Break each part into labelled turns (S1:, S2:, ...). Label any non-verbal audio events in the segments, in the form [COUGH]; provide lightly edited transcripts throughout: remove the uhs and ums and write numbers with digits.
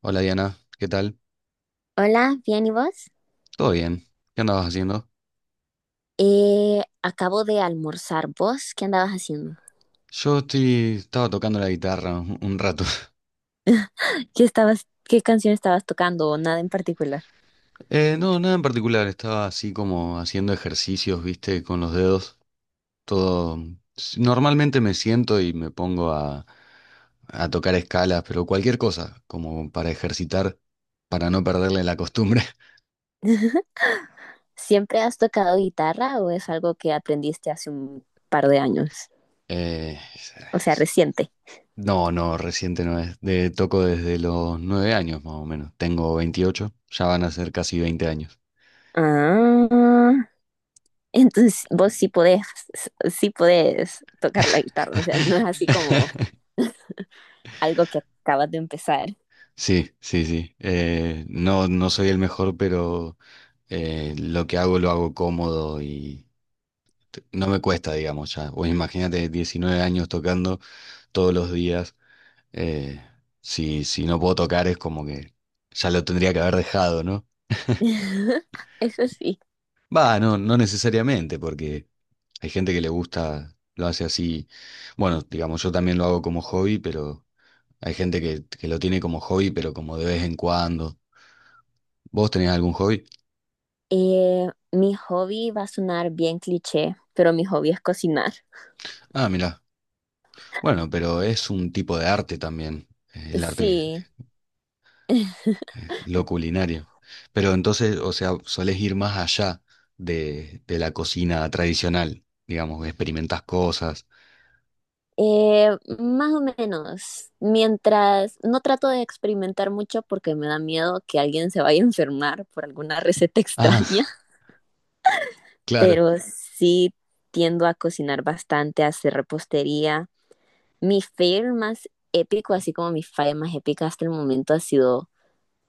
S1: Hola Diana, ¿qué tal?
S2: Hola, bien, ¿y vos?
S1: ¿Todo bien? ¿Qué andabas haciendo?
S2: Acabo de almorzar. ¿Vos qué andabas haciendo?
S1: Estaba tocando la guitarra un rato. [LAUGHS]
S2: ¿Qué canción estabas tocando o nada en particular?
S1: No, nada en particular, estaba así como haciendo ejercicios, viste, con los dedos. Todo. Normalmente me siento y me pongo a tocar escalas, pero cualquier cosa, como para ejercitar, para no perderle la costumbre. [LAUGHS]
S2: ¿Siempre has tocado guitarra o es algo que aprendiste hace un par de años?
S1: Eh,
S2: O sea, reciente.
S1: no, no, reciente no es. De, toco desde los 9 años más o menos. Tengo 28. Ya van a ser casi 20 años.
S2: Ah, entonces vos sí podés tocar la guitarra, o sea, no es así como algo que acabas de empezar.
S1: Sí, sí, sí. No, no soy el mejor, pero lo que hago lo hago cómodo y no me cuesta, digamos, ya. Pues imagínate 19 años tocando todos los días. eh, si, si no puedo tocar es como que ya lo tendría que haber dejado, ¿no?
S2: [LAUGHS] Eso sí.
S1: Va, no, no necesariamente, porque hay gente que le gusta, lo hace así. Bueno, digamos, yo también lo hago como hobby, pero hay gente que lo tiene como hobby, pero como de vez en cuando. ¿Vos tenés algún hobby?
S2: Mi hobby va a sonar bien cliché, pero mi hobby es cocinar.
S1: Ah, mira. Bueno, pero es un tipo de arte también, el arte,
S2: Sí.
S1: lo culinario. Pero entonces, o sea, solés ir más allá de la cocina tradicional, digamos, experimentás cosas.
S2: Eh, Más o menos, mientras no trato de experimentar mucho porque me da miedo que alguien se vaya a enfermar por alguna receta [LAUGHS] extraña,
S1: Ah, [LAUGHS] claro.
S2: pero sí tiendo a cocinar bastante, a hacer repostería. Mi fail más épico, así como mi falla más épica hasta el momento ha sido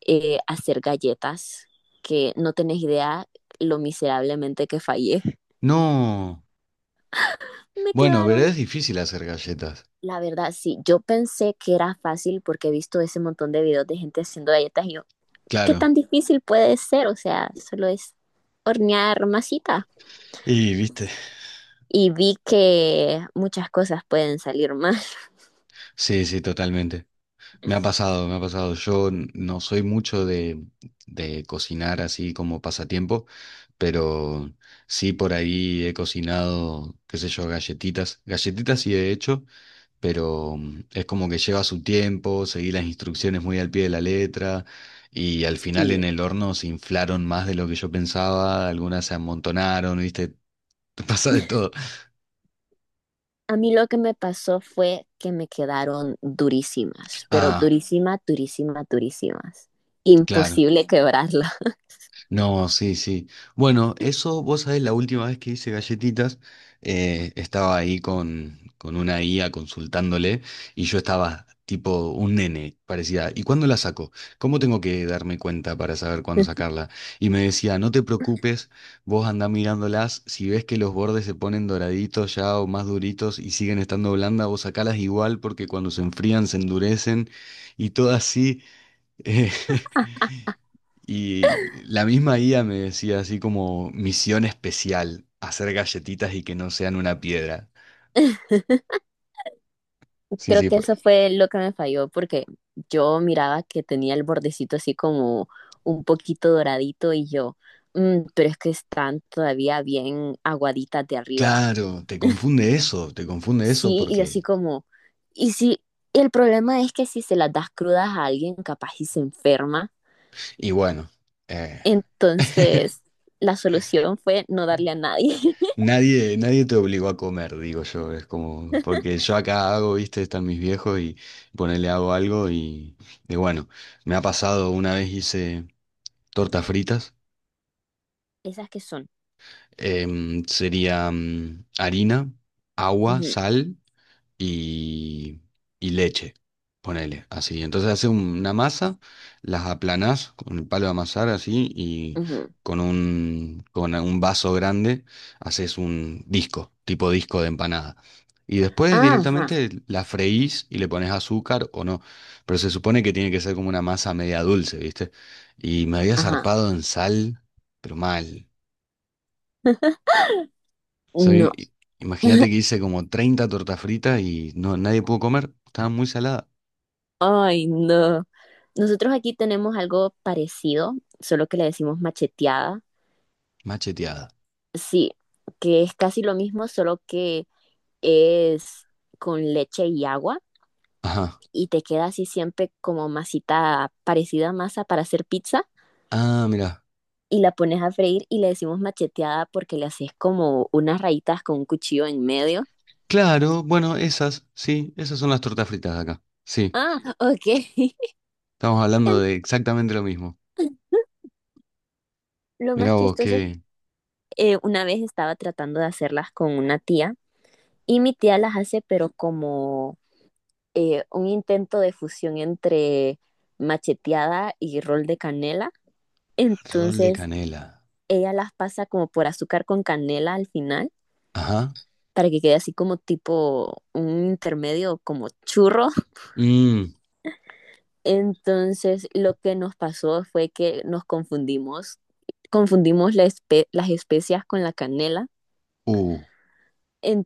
S2: hacer galletas, que no tenés idea lo miserablemente que fallé.
S1: No.
S2: Me
S1: Bueno, verdad es
S2: quedaron
S1: difícil hacer galletas.
S2: la verdad, sí, yo pensé que era fácil porque he visto ese montón de videos de gente haciendo galletas y yo, ¿qué tan
S1: Claro.
S2: difícil puede ser? O sea, solo es hornear masita.
S1: Y viste.
S2: Y vi que muchas cosas pueden salir mal.
S1: Sí, sí, totalmente. Me ha pasado, me ha pasado. Yo no soy mucho de cocinar así como pasatiempo, pero sí por ahí he cocinado, qué sé yo, galletitas. Galletitas sí he hecho, pero es como que lleva su tiempo, seguí las instrucciones muy al pie de la letra y al final en
S2: Sí.
S1: el horno se inflaron más de lo que yo pensaba, algunas se amontonaron, viste. [LAUGHS] Pasa de todo.
S2: A mí lo que me pasó fue que me quedaron durísimas, pero
S1: Ah,
S2: durísimas, durísimas, durísimas.
S1: claro.
S2: Imposible quebrarla.
S1: No, sí, sí. Bueno, eso, vos sabés, la última vez que hice galletitas, estaba ahí con una IA consultándole y yo estaba tipo un nene, parecía. ¿Y cuándo la saco? ¿Cómo tengo que darme cuenta para saber cuándo
S2: [LAUGHS]
S1: sacarla? Y me decía, no te preocupes, vos andá mirándolas, si ves que los bordes se ponen doraditos ya o más duritos y siguen estando blandas, vos sacalas igual porque cuando se enfrían se endurecen y todo así. [LAUGHS] eh, Y la misma guía me decía así como misión especial, hacer galletitas y que no sean una piedra. Sí,
S2: Creo
S1: sí,
S2: que
S1: pues
S2: eso fue lo que me falló porque yo miraba que tenía el bordecito así como un poquito doradito y yo, "Mm, pero es que están todavía bien aguaditas de arriba".
S1: claro, te confunde eso
S2: Sí, y así
S1: porque...
S2: como, y si, y el problema es que si se las das crudas a alguien, capaz y se enferma.
S1: Y bueno, eh,
S2: Entonces,
S1: [LAUGHS]
S2: la solución fue no darle a nadie. [LAUGHS]
S1: nadie, nadie te obligó a comer, digo yo, es como, porque yo acá hago, viste, están mis viejos y ponele hago algo y bueno, me ha pasado una vez hice tortas fritas,
S2: Esas que son.
S1: sería harina, agua,
S2: Ujú,
S1: sal. Y, y leche, ponele, así. Entonces haces una masa, las aplanás con el palo de amasar así y
S2: ujú.
S1: con un vaso grande haces un disco, tipo disco de empanada. Y después
S2: Ah, ajá,
S1: directamente la freís y le pones azúcar o no. Pero se supone que tiene que ser como una masa media dulce, ¿viste? Y me había
S2: ajá.
S1: zarpado en sal, pero mal.
S2: No.
S1: Soy, imagínate que hice como 30 tortas fritas y no, nadie pudo comer, estaban muy saladas.
S2: Ay, no. Nosotros aquí tenemos algo parecido, solo que le decimos macheteada.
S1: Macheteada.
S2: Sí, que es casi lo mismo, solo que es con leche y agua
S1: Ajá.
S2: y te queda así siempre como masita parecida a masa para hacer pizza
S1: Ah, mira.
S2: y la pones a freír y le decimos macheteada porque le haces como unas rayitas con un cuchillo en medio.
S1: Claro, bueno, esas, sí, esas son las tortas fritas de acá. Sí,
S2: Ah, ok. [LAUGHS]
S1: estamos hablando
S2: En-
S1: de exactamente lo mismo.
S2: Lo más
S1: Mira vos,
S2: chistoso es
S1: qué
S2: una vez estaba tratando de hacerlas con una tía y mi tía las hace pero como un intento de fusión entre macheteada y rol de canela.
S1: rol de
S2: Entonces
S1: canela.
S2: ella las pasa como por azúcar con canela al final
S1: Ajá.
S2: para que quede así como tipo un intermedio como churro. [LAUGHS]
S1: Mmm.
S2: Entonces lo que nos pasó fue que nos confundimos las especias con la canela.
S1: Uh.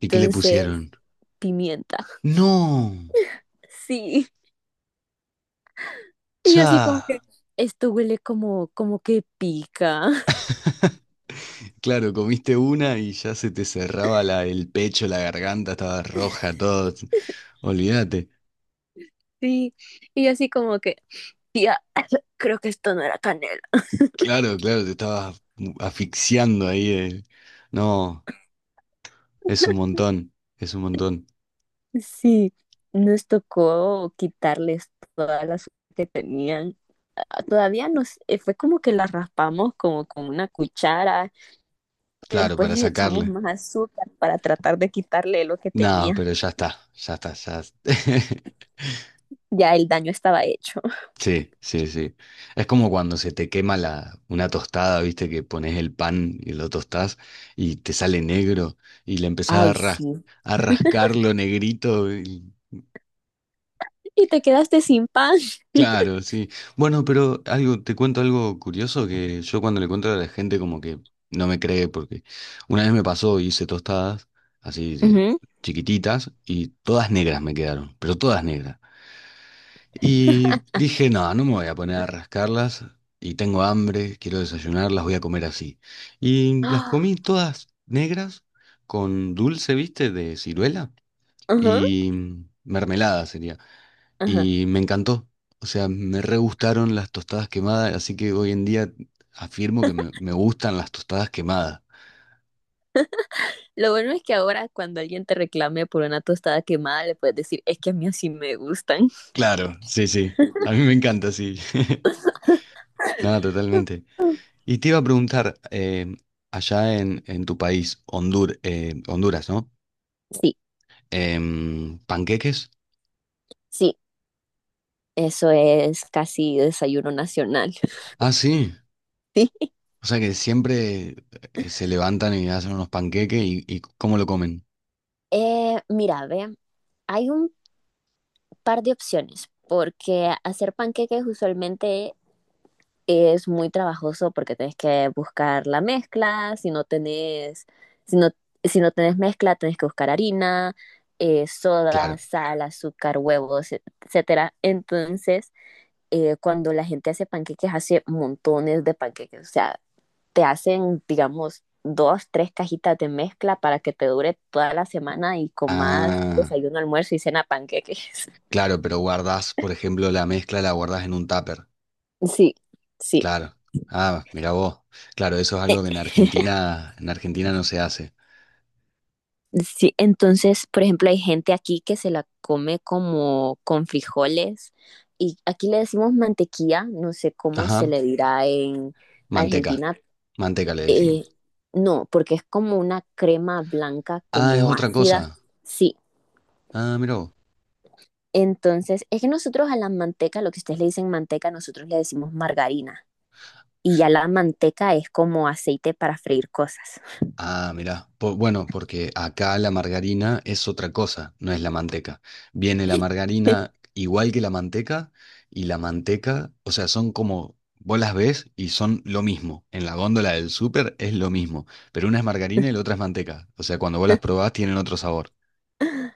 S1: ¿Y qué le pusieron?
S2: pimienta. [LAUGHS]
S1: No.
S2: Sí. Y yo así como que
S1: Cha.
S2: esto huele como, como que pica. [LAUGHS]
S1: Claro, comiste una y ya se te cerraba la, el pecho, la garganta, estaba roja, todo. Olvídate.
S2: Sí. Y yo así como que Tía, [LAUGHS] creo que esto no era canela.
S1: Claro, claro, te estabas asfixiando ahí. No, es un montón, es un montón.
S2: Sí, nos tocó quitarles todas las que tenían. Ah, fue como que las raspamos como con una cuchara y
S1: Claro,
S2: después
S1: para
S2: les echamos
S1: sacarle.
S2: más azúcar para tratar de quitarle lo que
S1: No,
S2: tenía.
S1: pero ya está, ya está, ya. [LAUGHS]
S2: Ya el daño estaba hecho. [LAUGHS]
S1: Sí, sí, sí. Es como cuando se te quema la, una tostada, viste, que pones el pan y lo tostás y te sale negro y le empezás a,
S2: Ay, sí.
S1: a rascarlo negrito. Y-
S2: Y te quedaste sin pan.
S1: Claro, sí. Bueno, pero algo, te cuento algo curioso que yo cuando le cuento a la gente como que no me cree porque una vez me pasó, hice tostadas así de
S2: Ujú.
S1: chiquititas y todas negras me quedaron, pero todas negras. Y dije, no, no me voy a poner a rascarlas y tengo hambre, quiero desayunar, las voy a comer así. Y las
S2: Ah,
S1: comí todas negras con dulce, viste, de ciruela
S2: ajá,
S1: y mermelada sería.
S2: ajá.
S1: Y me encantó. O sea, me re gustaron las tostadas quemadas, así que hoy en día afirmo que me gustan las tostadas quemadas.
S2: Lo bueno es que ahora cuando alguien te reclame por una tostada quemada, le puedes decir, es que a mí así me gustan.
S1: Claro, sí, sí. A mí me encanta, sí. [LAUGHS] Nada, totalmente. Y te iba a preguntar, allá en tu país, Honduras, ¿no?
S2: Sí,
S1: Em, ¿panqueques?
S2: sí, eso es casi desayuno nacional. [LAUGHS]
S1: Ah, sí.
S2: Sí.
S1: O sea que siempre se levantan y hacen unos panqueques y ¿cómo lo comen?
S2: Mira, ve, hay un par de opciones, porque hacer panqueques usualmente es muy trabajoso porque tenés que buscar la mezcla, si no, si no tenés mezcla, tenés que buscar harina, soda,
S1: Claro.
S2: sal, azúcar, huevos, etcétera. Entonces, cuando la gente hace panqueques, hace montones de panqueques, o sea, te hacen, digamos, dos, tres cajitas de mezcla para que te dure toda la semana y comas
S1: Ah,
S2: desayuno, almuerzo y cena panqueques.
S1: claro, pero guardás, por ejemplo, la mezcla la guardás en un tupper.
S2: Sí, sí.
S1: Claro. Ah, mira vos. Claro, eso es algo que
S2: [LAUGHS]
S1: En Argentina no se hace.
S2: Sí, entonces, por ejemplo, hay gente aquí que se la come como con frijoles y aquí le decimos mantequilla, no sé cómo se
S1: Ajá.
S2: le dirá en
S1: Manteca.
S2: Argentina.
S1: Manteca le
S2: Eh,
S1: decimos.
S2: no, porque es como una crema blanca,
S1: Ah, es
S2: como
S1: otra
S2: ácida.
S1: cosa.
S2: Sí,
S1: Ah, mira vos.
S2: entonces, es que nosotros a la manteca, lo que ustedes le dicen manteca, nosotros le decimos margarina. Y ya la manteca es como aceite para freír cosas.
S1: Ah, mirá. Po- bueno, porque acá la margarina es otra cosa, no es la manteca. Viene la margarina igual que la manteca y la manteca, o sea, son como, vos las ves y son lo mismo. En la góndola del súper es lo mismo, pero una es margarina y la otra es manteca. O sea, cuando vos las
S2: [LAUGHS]
S1: probás tienen otro sabor.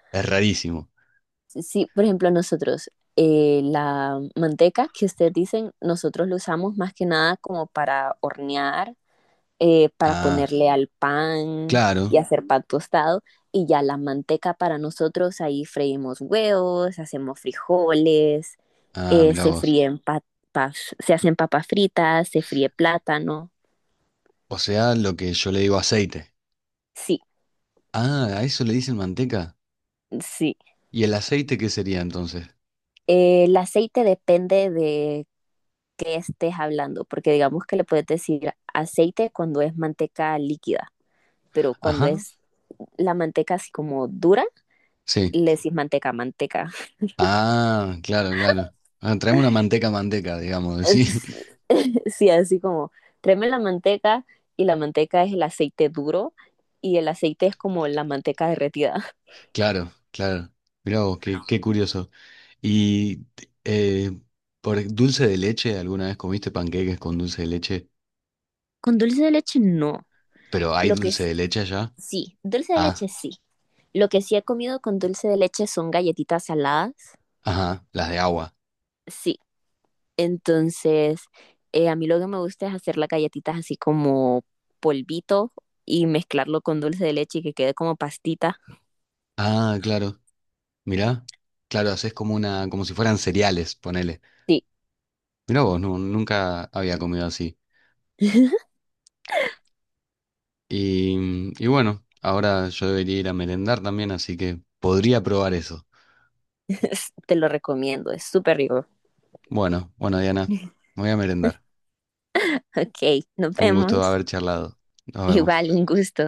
S1: Es rarísimo.
S2: Sí, por ejemplo, nosotros la manteca que ustedes dicen, nosotros lo usamos más que nada como para hornear, para
S1: Ah,
S2: ponerle al pan
S1: claro.
S2: y hacer pan tostado. Y ya la manteca para nosotros, ahí freímos huevos, hacemos frijoles,
S1: Ah, mirá
S2: se
S1: vos.
S2: fríen papas, se hacen papas fritas, se fríe plátano.
S1: O sea, lo que yo le digo aceite.
S2: Sí,
S1: Ah, a eso le dicen manteca.
S2: sí.
S1: ¿Y el aceite qué sería entonces?
S2: El aceite depende de qué estés hablando, porque digamos que le puedes decir aceite cuando es manteca líquida, pero cuando
S1: Ajá,
S2: es la manteca así como dura,
S1: sí.
S2: le decís manteca, manteca.
S1: Ah, claro, claro. Ah, traeme una manteca manteca, digamos, sí. [LAUGHS]
S2: [LAUGHS] Sí, así como, tráeme la manteca y la manteca es el aceite duro y el aceite es como la manteca derretida.
S1: Claro, claro. Mirá vos, qué, qué curioso. Y eh, por dulce de leche, ¿alguna vez comiste panqueques con dulce de leche?
S2: [LAUGHS] Con dulce de leche no.
S1: Pero ¿hay
S2: Lo que,
S1: dulce
S2: s-
S1: de leche allá?
S2: Sí, dulce de
S1: Ah,
S2: leche sí. Lo que sí he comido con dulce de leche son galletitas saladas.
S1: ajá, las de agua.
S2: Sí, entonces a mí lo que me gusta es hacer las galletitas así como polvito y mezclarlo con dulce de leche y que quede como pastita.
S1: Ah, claro. Mirá. Claro, haces como una, como si fueran cereales, ponele.
S2: Sí,
S1: Mirá vos, no, nunca había comido así.
S2: [LAUGHS]
S1: Y bueno, ahora yo debería ir a merendar también, así que podría probar eso.
S2: te lo recomiendo, es súper rico.
S1: Bueno, bueno, Diana, me voy a merendar.
S2: Ok, nos
S1: Fue un gusto
S2: vemos.
S1: haber charlado. Nos vemos.
S2: Igual, un gusto.